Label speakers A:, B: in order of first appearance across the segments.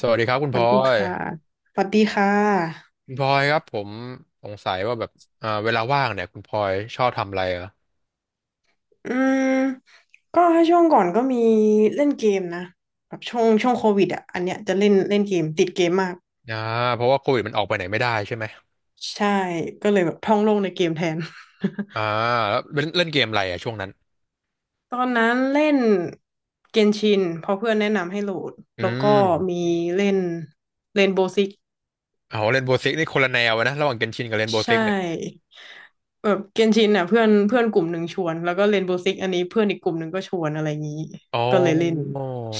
A: สวัสดีครับคุณ
B: ส
A: พ
B: วั
A: ล
B: สดี
A: อย
B: ค่ะสวัสดีค่ะ
A: คุณพลอยครับผมสงสัยว่าแบบเวลาว่างเนี่ยคุณพลอยชอบทำอะไรเหรอ
B: อืมก็ถ้าช่วงก่อนก็มีเล่นเกมนะแบบช่วงโควิดอ่ะอันเนี้ยจะเล่นเล่นเกมติดเกมมาก
A: อ่าเพราะว่าโควิดมันออกไปไหนไม่ได้ใช่ไหม
B: ใช่ ก็เลยแบบท่องโลกในเกมแทน
A: อ่าแล้วเล่นเล่นเกมอะไรอ่ะช่วงนั้น
B: ตอนนั้นเล่นเกนชินเพราะเพื่อนแนะนำให้โหลด
A: อื
B: แล้วก็มี
A: ม
B: เล่นเรนโบว์ซิก
A: เอาเล่นโบสิกนี่คนละแนวนะระหว่างเกนชินกับเล่นโบ
B: ใช่
A: สิกเนี่ย
B: แบบเกนชินอ่ะเพื่อนเพื่อนกลุ่มหนึ่งชวนแล้วก็เรนโบว์ซิกอันนี้เพื่อนอีกกลุ่มหนึ่งก็ชวนอะไรอย่างนี้
A: อ๋อ
B: ก็เลยเล่น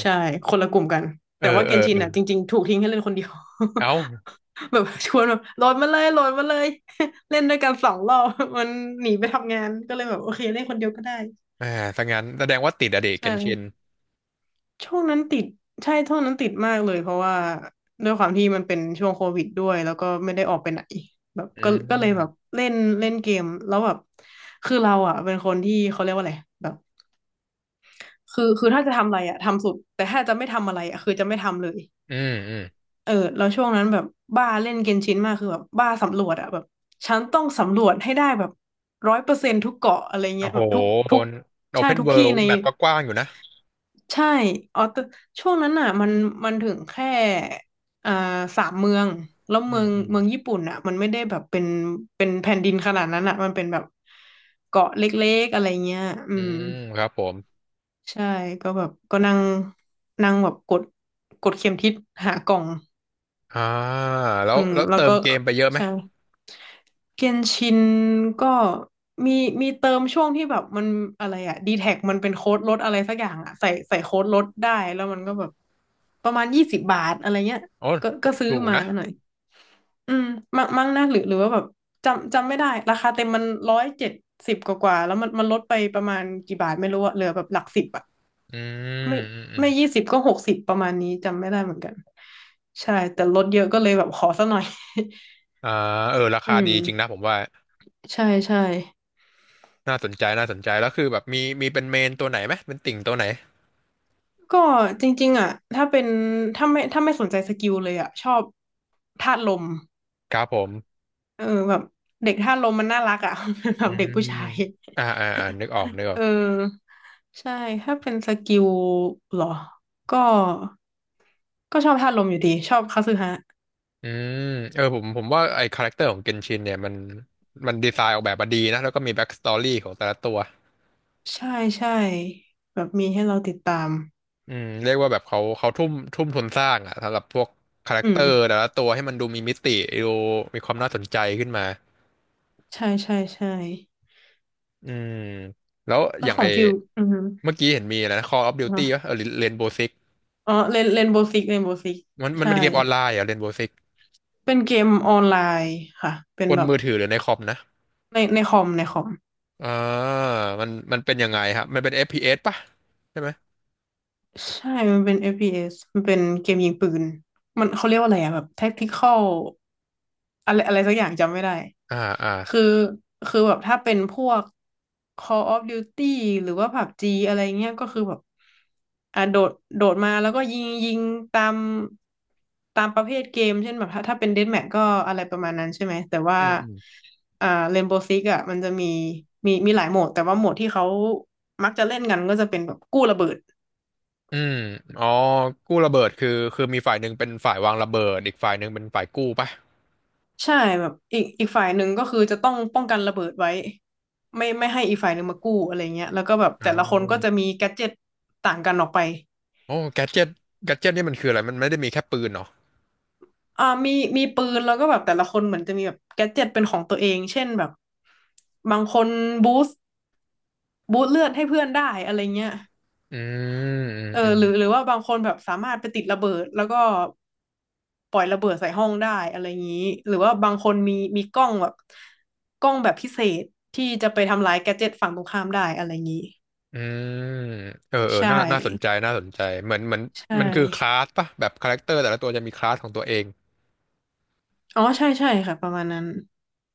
B: ใช่คนละกลุ่มกัน
A: เอ
B: แต่
A: อ
B: ว่าเก
A: เออ
B: นชิน
A: เออ
B: อ่ะจริงๆถูกทิ้งให้เล่นคนเดียว
A: เอ้า
B: แบบชวนแบบโหลดมาเลยโหลดมาเลย เล่นด้วยกัน2 รอบ มันหนีไปทำงานก็เลยแบบโอเคเล่นคนเดียวก็ได้
A: แหมถ้างั้นแสดงว่าติดอะเด็กเก
B: ใช่
A: นชิน
B: ช่วงนั้นติดใช่ช่วงนั้นติดมากเลยเพราะว่าด้วยความที่มันเป็นช่วงโควิดด้วยแล้วก็ไม่ได้ออกไปไหนแบบ
A: อื
B: ก็เลยแบบ
A: ม
B: เล่นเล่นเกมแล้วแบบคือเราอ่ะเป็นคนที่เขาเรียกว่าอะไรแบบคือถ้าจะทำอะไรอ่ะทำสุดแต่ถ้าจะไม่ทำอะไรอ่ะคือจะไม่ทำเลย
A: อืมอืม
B: เออแล้วช่วงนั้นแบบบ้าเล่นเกนชินมากคือแบบบ้าสำรวจอะแบบฉันต้องสำรวจให้ได้แบบ100%ทุกเกาะอะไร
A: โอ้
B: เงี้ย
A: โห
B: แบบทุกทุก
A: โอ
B: ใช่
A: เพน
B: ทุก
A: เวิ
B: ที่
A: ลด์
B: ใน
A: แมปก็กว้างอยู่นะ
B: ใช่อ๋อแต่ช่วงนั้นอะมันถึงแค่อ่า3 เมืองแล้ว
A: อื
B: เมือ
A: ม
B: ง
A: อืม
B: เมืองญี่ปุ่นอะมันไม่ได้แบบเป็นแผ่นดินขนาดนั้นอะมันเป็นแบบเกาะเล็กๆอะไรเงี้ยอื
A: อื
B: ม
A: มครับผม
B: ใช่ก็แบบก็นั่งนั่งแบบกดเข็มทิศหากล่อง
A: อ่าแล้
B: อื
A: ว
B: ม
A: แล้ว
B: แล้ว
A: เติ
B: ก็
A: มเกมไปเยอะไหม
B: ใช่เกนชินก็มีมีเติมช่วงที่แบบมันอะไรอะดีแท็กมันเป็นโค้ดลดอะไรสักอย่างอะใส่โค้ดลดได้แล้วมันก็แบบประมาณ20 บาทอะไรเงี้ย
A: โอ้
B: ก็ซื้อ
A: ถูก
B: มา
A: นะ
B: หน่อยอืมมั่งมั่งนะหรือว่าแบบจำไม่ได้ราคาเต็มมัน170กว่าๆแล้วมันลดไปประมาณกี่บาทไม่รู้อะเหลือแบบหลักสิบอะ
A: อืม
B: ไม่
A: อืมอืม
B: ไม่ยี่สิบก็60ประมาณนี้จำไม่ได้เหมือนกันใช่แต่ลดเยอะก็เลยแบบขอซะหน่อย
A: อ่าเออรา
B: อื
A: คาดี
B: ม
A: จริงนะผมว่า
B: ใช่ใช่
A: น่าสนใจน่าสนใจแล้วคือแบบมีมีเป็นเมนตัวไหนไหมเป็นติ่งตัวไหน
B: ก็จริงๆอ่ะถ้าเป็นถ้าไม่ถ้าไม่สนใจสกิลเลยอ่ะชอบธาตุลม
A: ครับผม
B: เออแบบเด็กธาตุลมมันน่ารักอ่ะ แบ
A: อื
B: บเด็
A: ม
B: กผู้ชาย
A: อ่าอ่าอ่านึกออกนึกออ
B: เอ
A: ก
B: อใช่ถ้าเป็นสกิลเหรอก็ก็ชอบธาตุลมอยู่ดีชอบคาสึฮะ
A: อืมเออผมว่าไอ้คาแรคเตอร์ของเกนชินเนี่ยมันดีไซน์ออกแบบมาดีนะแล้วก็มีแบ็กสตอรี่ของแต่ละตัว
B: ใช่ใช่แบบมีให้เราติดตาม
A: อืมเรียกว่าแบบเขาทุ่มทุนสร้างอะสำหรับพวกคาแรค
B: อื
A: เตอร์แต่
B: ม
A: ละตัวให้มันดูมีมิติดูมีความน่าสนใจขึ้นมา
B: ใช่ใช่ใช่
A: อืมแล้ว
B: แล้
A: อ
B: ว
A: ย่าง
B: ขอ
A: ไอ
B: งฟิลอืมอฮึ
A: เมื่อกี้เห็นมีอะไรนะ Call of
B: อ๋อ
A: Duty วะเออเรนโบวิก
B: อ๋อเล่นเล่นโบว์ซิกเล่นโบว์ซิก
A: มัน
B: ใช่
A: เป็นเกมออนไลน์เหรอเรนโบวิก
B: เป็นเกมออนไลน์ค่ะ เป็น
A: บน
B: แบบ
A: มือถือหรือในคอมนะ
B: ในคอมในคอม
A: อ่ามันเป็นยังไงครับมันเป็น f p สป่ะใช่ไหม
B: ใช่มันเป็น FPS มันเป็นเกมยิงปืนมันเขาเรียกว่าอะไรอะแบบ tactical อะไรอะไรสักอย่างจำไม่ได้
A: อ่าอ่า
B: คือคือแบบถ้าเป็นพวก Call of Duty หรือว่า PUBG อะไรเงี้ยก็คือแบบอ่ะโดดมาแล้วก็ยิงตามตามประเภทเกมเช่นแบบถ้าเป็น Deathmatch ก็อะไรประมาณนั้นใช่ไหมแต่ว่า
A: อืมอืม
B: อ่า Rainbow Six อ่ะมันจะมีหลายโหมดแต่ว่าโหมดที่เขามักจะเล่นกันก็จะเป็นแบบกู้ระเบิด
A: อืมอ๋อกู้ระเบิดคือคือมีฝ่ายหนึ่งเป็นฝ่ายวางระเบิดอีกฝ่ายหนึ่งเป็นฝ่ายกู้ป่ะ
B: ใช่แบบอีกฝ่ายหนึ่งก็คือจะต้องป้องกันระเบิดไว้ไม่ให้อีกฝ่ายหนึ่งมากู้อะไรเงี้ยแล้วก็แบบ
A: อ่
B: แต่ละคนก็จะ
A: า
B: มีแกดเจ็ตต่างกันออกไป
A: โอ้แกดเจ็ตแกดเจ็ตนี่มันคืออะไรมันไม่ได้มีแค่ปืนเหรอ
B: มีปืนแล้วก็แบบแต่ละคนเหมือนจะมีแบบแกดเจ็ตเป็นของตัวเองเช่นแบบบางคนบูสต์บูสต์เลือดให้เพื่อนได้อะไรเงี้ย
A: อืมอืม
B: เออ
A: อืม
B: หรือว่าบางคนแบบสามารถไปติดระเบิดแล้วก็ปล่อยระเบิดใส่ห้องได้อะไรอย่างนี้หรือว่าบางคนมีกล้องแบบพิเศษที่จะไปทำลายแกดเจ็ตฝั่งตรงข้ามได้อะไรอย่างนี้
A: อืมเออเออ
B: ใช่
A: น่าน่าสนใจน่าสนใจเหมือนเหมือน
B: ใช่
A: มันคือคลาสป่ะแบบคาแรคเตอร์แต่ละตัวจะมีคลาสของตัวเอง
B: อ๋อใช่ใช่ค่ะประมาณนั้น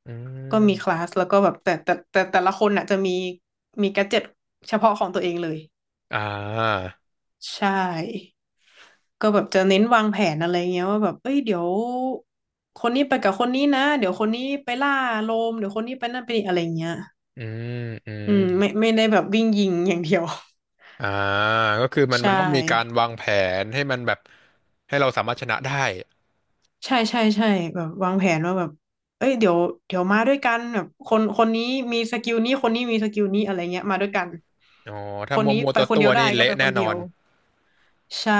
A: อื
B: ก็มีคลา
A: ม
B: สแล้วก็แบบแต่ละคนน่ะจะมีแกดเจ็ตเฉพาะของตัวเองเลย
A: อ่า
B: ใช่ ก็แบบจะเน้นวางแผนอะไรเงี้ยว่าแบบเอ้ยเดี๋ยวคนนี้ไปกับคนนี้นะเดี๋ยวคนนี้ไปล่าโลมเดี๋ยวคนนี้ไปนั่นไปนี่อะไรเงี้ย
A: อืมอื
B: อื
A: ม
B: มไม่ได้แบบวิ่งยิงอย่างเดียว
A: อ่าก็คือมัน
B: ใช่
A: มันต้องมีการวางแผนให้มันแบบให้เราสามารถชนะได้
B: ใช่ใช่ใช่แบบวางแผนว่าแบบเอ้ยเดี๋ยวมาด้วยกันแบบคนคนนี้มีสกิลนี้คนนี้มีสกิลนี้อะไรเงี้ยมาด้วยกัน
A: อ๋อ
B: ค
A: ถ้า
B: น
A: มัว
B: นี้
A: มัว
B: ไป
A: ตัว
B: คน
A: ตั
B: เดี
A: ว
B: ยวได้
A: นี่
B: ก็
A: เละ
B: ไปค
A: แน่
B: น
A: น
B: เดี
A: อ
B: ยว
A: น
B: ใช่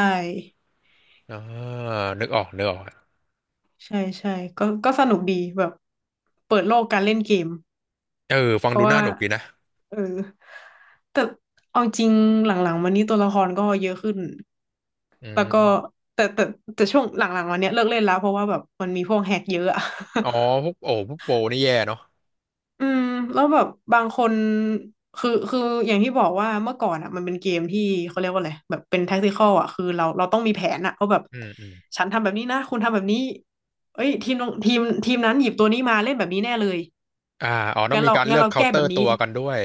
A: อ่านึกออกนึกออก
B: ใช่ใช่ก็สนุกดีแบบเปิดโลกการเล่นเกม
A: เออฟั
B: เพ
A: งดู
B: ราะ
A: น่า
B: ว่า
A: หนุกดีนะ
B: เออ แต่เอาจริงหลังๆมานี้ตัวละครก็เยอะขึ้น
A: อื
B: แล้วก็
A: ม
B: แต่แต่แต่ช่วงหลังๆมาเนี้ยเลิกเล่นแล้วเพราะว่าแบบมันมีพวกแฮกเยอะอะ
A: อ๋อพวกโอ้พวกโปรนี่แย่เนาะ
B: อืมแล้วแบบบางคนคืออย่างที่บอกว่าเมื่อก่อนอ่ะมันเป็นเกมที่เขาเรียกว่าอะไรแบบเป็นแท็กติคอลอ่ะคือเราต้องมีแผนอ่ะว่าแบบ
A: อืมอืม
B: ฉันทำแบบนี้นะคุณทำแบบนี้เอ้ยทีมทีมนั้นหยิบตัวนี้มาเล่นแบบนี้แน่เลย
A: อ่าอ๋อต้อ
B: งั้
A: ง
B: น
A: มี
B: เรา
A: การ
B: งั้
A: เลื
B: น
A: อก
B: เรา
A: เคา
B: แก้
A: น์เต
B: แบ
A: อ
B: บ
A: ร์
B: นี้
A: ตัวกันด้วย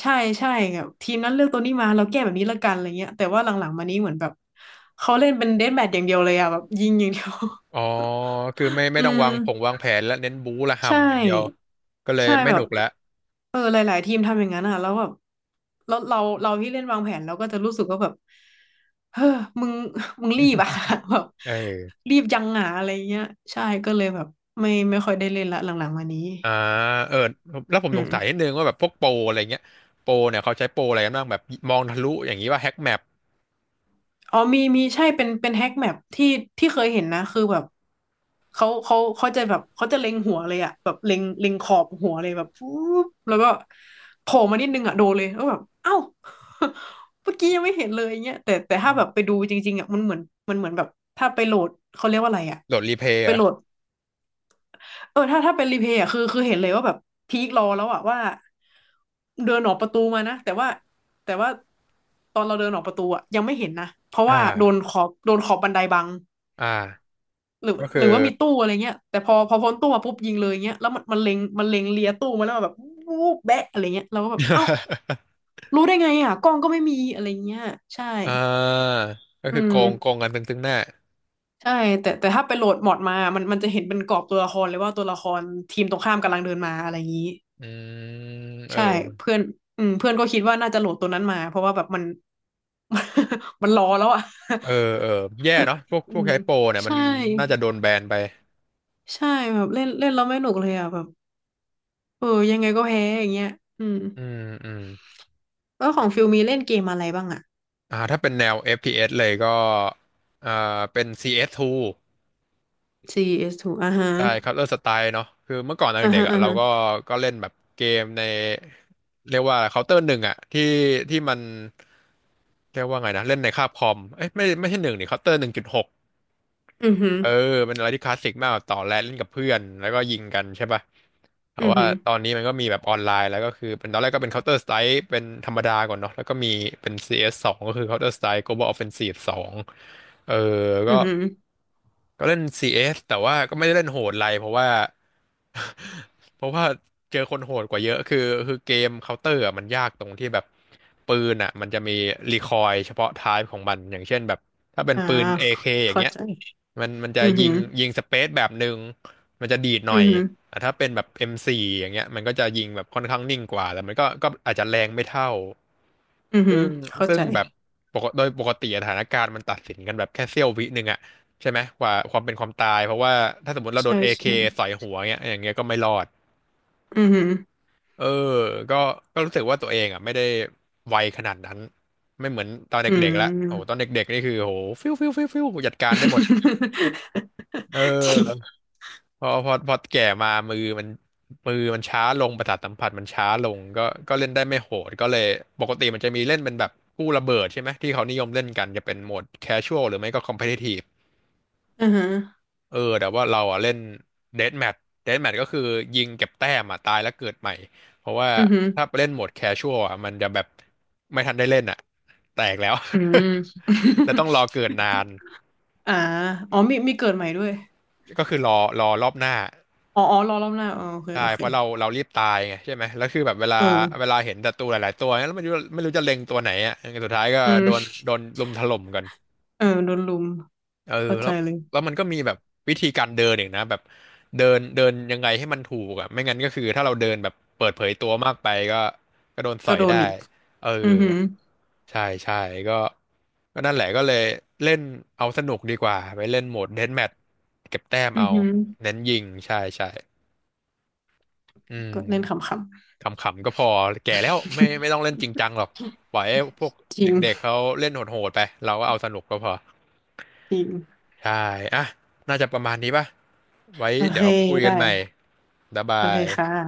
B: ใช่ใช่แบบทีมนั้นเลือกตัวนี้มาเราแก้แบบนี้ละกันอะไรเงี้ยแต่ว่าหลังๆมานี้เหมือนแบบเขาเล่นเป็นเดธแมทอย่างเดียวเลยอะแบบยิงอย่างเดียว
A: อ๋อคือไม่ ไม่
B: อื
A: ต้อง
B: ม
A: วางผงวางแผนและเน้นบู๊ละ
B: ใช
A: ห่ำอย่างเดียว
B: ่
A: ก็เลย
B: ใช่
A: ไม่
B: แบ
A: หนุ
B: บ
A: กแล้ว
B: หลายๆทีมทำอย่างนั้นอ่ะแล้วแบบแล้วเราที่เล่นวางแผนเราก็จะรู้สึกว่าแบบเฮ้อมึงมึงรีบอ่ะ แบบ
A: เออ
B: รีบยังหาอะไรเงี้ยใช่ก็เลยแบบไม่ค่อยได้เล่นละหลังๆมานี้
A: อ่าเออแล้วผม
B: อื
A: สง
B: ม
A: สัยนิดนึงว่าแบบพวกโปรอะไรเงี้ยโปรเนี่ยเขาใช้โปรอะไรกันบ้างแบบมองทะลุอย่างนี้ว่าแฮ็กแมป
B: อ๋อมีใช่เป็นแฮกแมปที่ที่เคยเห็นนะคือแบบเขาจะแบบเขาจะเล็งหัวเลยอะแบบเล็งขอบหัวเลยแบบปุ๊บแล้วก็โผล่มานิดนึงอะโดนเลยแล้วแบบเอ้า เมื่อกี้ยังไม่เห็นเลยอย่างเงี้ยแต่ถ้าแบบไปดูจริงๆอะมันเหมือนมันเหมือนแบบถ้าไปโหลดเขาเรียกว่าอะไรอะ
A: โหลดรีเพย์
B: ไป
A: เหรอ
B: โหลด เออถ้าเป็นรีเพย์อ่ะคือเห็นเลยว่าแบบพีครอแล้วอ่ะว่าเดินออกประตูมานะแต่ว่าแต่ว่าตอนเราเดินออกประตูอ่ะยังไม่เห็นนะเพราะ
A: อ่า
B: ว่าโดนขอบโดนขอบบันไดบัง
A: อ่า
B: หรือ
A: ก็คื
B: ห
A: อ
B: รือว่ามีตู้อะไรเงี้ยแต่พอพ้นตู้มาปุ๊บยิงเลยเงี้ยแล้วมันเล็งมันเล็งเลียตู้มาแล้วแบบวูบแบะอะไรเงี้ยเราก็แบบเอ้า รู้ได้ไงอ่ะกล้องก็ไม่มีอะไรเงี้ยใช่
A: อ่าก็
B: อื
A: คือโก
B: ม
A: งโกงกันตึงๆหน้า
B: ใช่แต่ถ้าไปโหลดมอดมามันจะเห็นเป็นกรอบตัวละครเลยว่าตัวละครทีมตรงข้ามกำลังเดินมาอะไรอย่างนี้
A: อืมเอ
B: ใช่
A: อ
B: เพื่อนอืมเพื่อนก็คิดว่าน่าจะโหลดตัวนั้นมาเพราะว่าแบบมัน มันรอแล้วอ่ะ
A: เออเออแย่เนาะพวก
B: อื
A: พวก
B: ม
A: ใช้โปรเนี่ยมัน
B: ใช่
A: น่าจะโดนแบนไป
B: ใช่แบบเล่นเล่นแล้วไม่หนุกเลยอ่ะแบบเออยังไงก็แพ้อย่างเงี้ยอืม
A: อืมอืม
B: แล้วของฟิลมีเล่นเกมอะไรบ้างอ่ะ
A: อ่าถ้าเป็นแนว FPS เอสเลยก็อ่าเป็น CS2
B: CS2 อสทูอ่าฮะ
A: ใช่ Counter Strike เนาะคือเมื่อก่อนตอน
B: อ่า
A: เด็ก
B: ฮะ
A: ๆอ่ะ
B: อ่า
A: เรา
B: ฮะ
A: ก็ก็เล่นแบบเกมในเรียกว่า Counter หนึ่งอ่ะที่ที่มันเรียกว่าไงนะเล่นในคาบคอมเอ้ยไม่ไม่ใช่หนึ่งดิ Counter หนึ่งจุดหก
B: อือหือ
A: เออเป็นอะไรที่คลาสสิกมากแบบต่อแรดเล่นกับเพื่อนแล้วก็ยิงกันใช่ป่ะแต่
B: อือ
A: ว่า
B: หือ
A: ตอนนี้มันก็มีแบบออนไลน์แล้วก็คือเป็นตอนแรกก็เป็น Counter Strike เป็นธรรมดาก่อนเนาะแล้วก็มีเป็น CS 2ก็คือ Counter Strike Global Offensive 2เออ
B: อื
A: ก็
B: อหือ
A: ก็เล่น CS แต่ว่าก็ไม่ได้เล่นโหดอะไรเพราะว่า เพราะว่าเจอคนโหดกว่าเยอะคือคือเกมเคาน์เตอร์อะมันยากตรงที่แบบปืนอ่ะมันจะมีรีคอยล์เฉพาะไทป์ของมันอย่างเช่นแบบถ้าเป็น
B: อ่า
A: ปืน AK อเคอย่าง
B: เข้า
A: เงี้ย
B: ใจ
A: มันจะ
B: อือ
A: ยิ
B: หื
A: ง
B: อ
A: ยิงสเปซแบบหนึ่งมันจะดีดหน่
B: อื
A: อ
B: อ
A: ย
B: หือ
A: แต่ถ้าเป็นแบบ M4 อมโฟร์อย่างเงี้ยมันก็จะยิงแบบค่อนข้างนิ่งกว่าแต่มันก็ก็อาจจะแรงไม่เท่า
B: อือหื
A: ซึ่
B: อ
A: ง
B: เข้า
A: ซึ่ง
B: ใจ
A: แบบปกโดยปกติอะสถานการณ์มันตัดสินกันแบบแค่เสี้ยววิหนึ่งอะ ใช่ไหมกว่าความเป็นความตายเพราะว่าถ้าสมมติเราโด
B: ใช่
A: นเอเค
B: ใช่
A: ใส่หัวเงี้ยอย่างเงี้ยก็ไม่รอด
B: อือหือ
A: เออก็ก็รู้สึกว่าตัวเองอ่ะไม่ได้ไวขนาดนั้นไม่เหมือนตอน
B: อืม
A: เด็กๆละโอ้โหตอนเด็กๆนี่คือโหฟิวฟิวฟิวฟิวจัดการได้หมดเ
B: จริง
A: ออพอพอพอแก่มามือมันมือมันช้าลงประสาทสัมผัสมันช้าลงก็ก็เล่นได้ไม่โหดก็เลยปกติมันจะมีเล่นเป็นแบบกู้ระเบิดใช่ไหมที่เขานิยมเล่นกันจะเป็นโหมดแคชชวลหรือไม่ก็คอมเพทิทีฟ
B: อือฮะ
A: เออแต่ว่าเราอ่ะเล่นเดธแมทเดธแมทก็คือยิงเก็บแต้มอ่ะตายแล้วเกิดใหม่เพราะว่า
B: อือหือ
A: ถ้าไปเล่นโหมดแคชชวลอ่ะมันจะแบบไม่ทันได้เล่นอ่ะแตกแล้ว
B: อืม
A: แล้วต้องรอเกิดนาน
B: อ่าอ๋อมีเกิดใหม่ด้วย
A: ก็คือรอรอรอบหน้า
B: อ๋ออ๋อรอรอบหน้าอ๋อโอเค
A: ใช่
B: โอเค
A: เพราะเรารีบตายไงใช่ไหมแล้วคือแบบเวลา
B: เอ
A: เว
B: อ
A: ลาเห็นศัตรูหลายๆตัวเนี่ยแล้วไม่รู้จะเล็งตัวไหนอ่ะสุดท้ายก็
B: อืม
A: โดนโดนลุมถล่มกัน
B: เออโดนลุม
A: เออ
B: เข้าใจ
A: แล้ว
B: เลย
A: แล้วมันก็มีแบบวิธีการเดินอีกนะแบบเดินเดินยังไงให้มันถูกอ่ะไม่งั้นก็คือถ้าเราเดินแบบเปิดเผยตัวมากไปก็ก็โดนส
B: ก็
A: อย
B: โดน
A: ได้
B: อีก
A: เออ
B: อือหือ
A: ใช่ใช่ก็ก็นั่นแหละก็เลยเล่นเอาสนุกดีกว่าไปเล่นโหมดเดธแมทเก็บแต้ม
B: อือ
A: เอา
B: หือ
A: เน้นยิงใช่ใช่อืม
B: ก็เล่นขำ
A: ขำๆก็พอแก่แล้วไม่ไม่ต้องเล่นจริงจังหรอกปล่อยให้พวก
B: ๆ จ
A: เ
B: ริง
A: ด็กๆเขาเล่นโหดๆไปเราก็เอาสนุกก็พอ
B: จริง
A: ใช่อ่ะน่าจะประมาณนี้ป่ะไว้
B: โอเค
A: เดี๋ยวคุยกั
B: ได้
A: นใหม่บ๊าย
B: โอ
A: บา
B: เค
A: ย
B: ค่ะ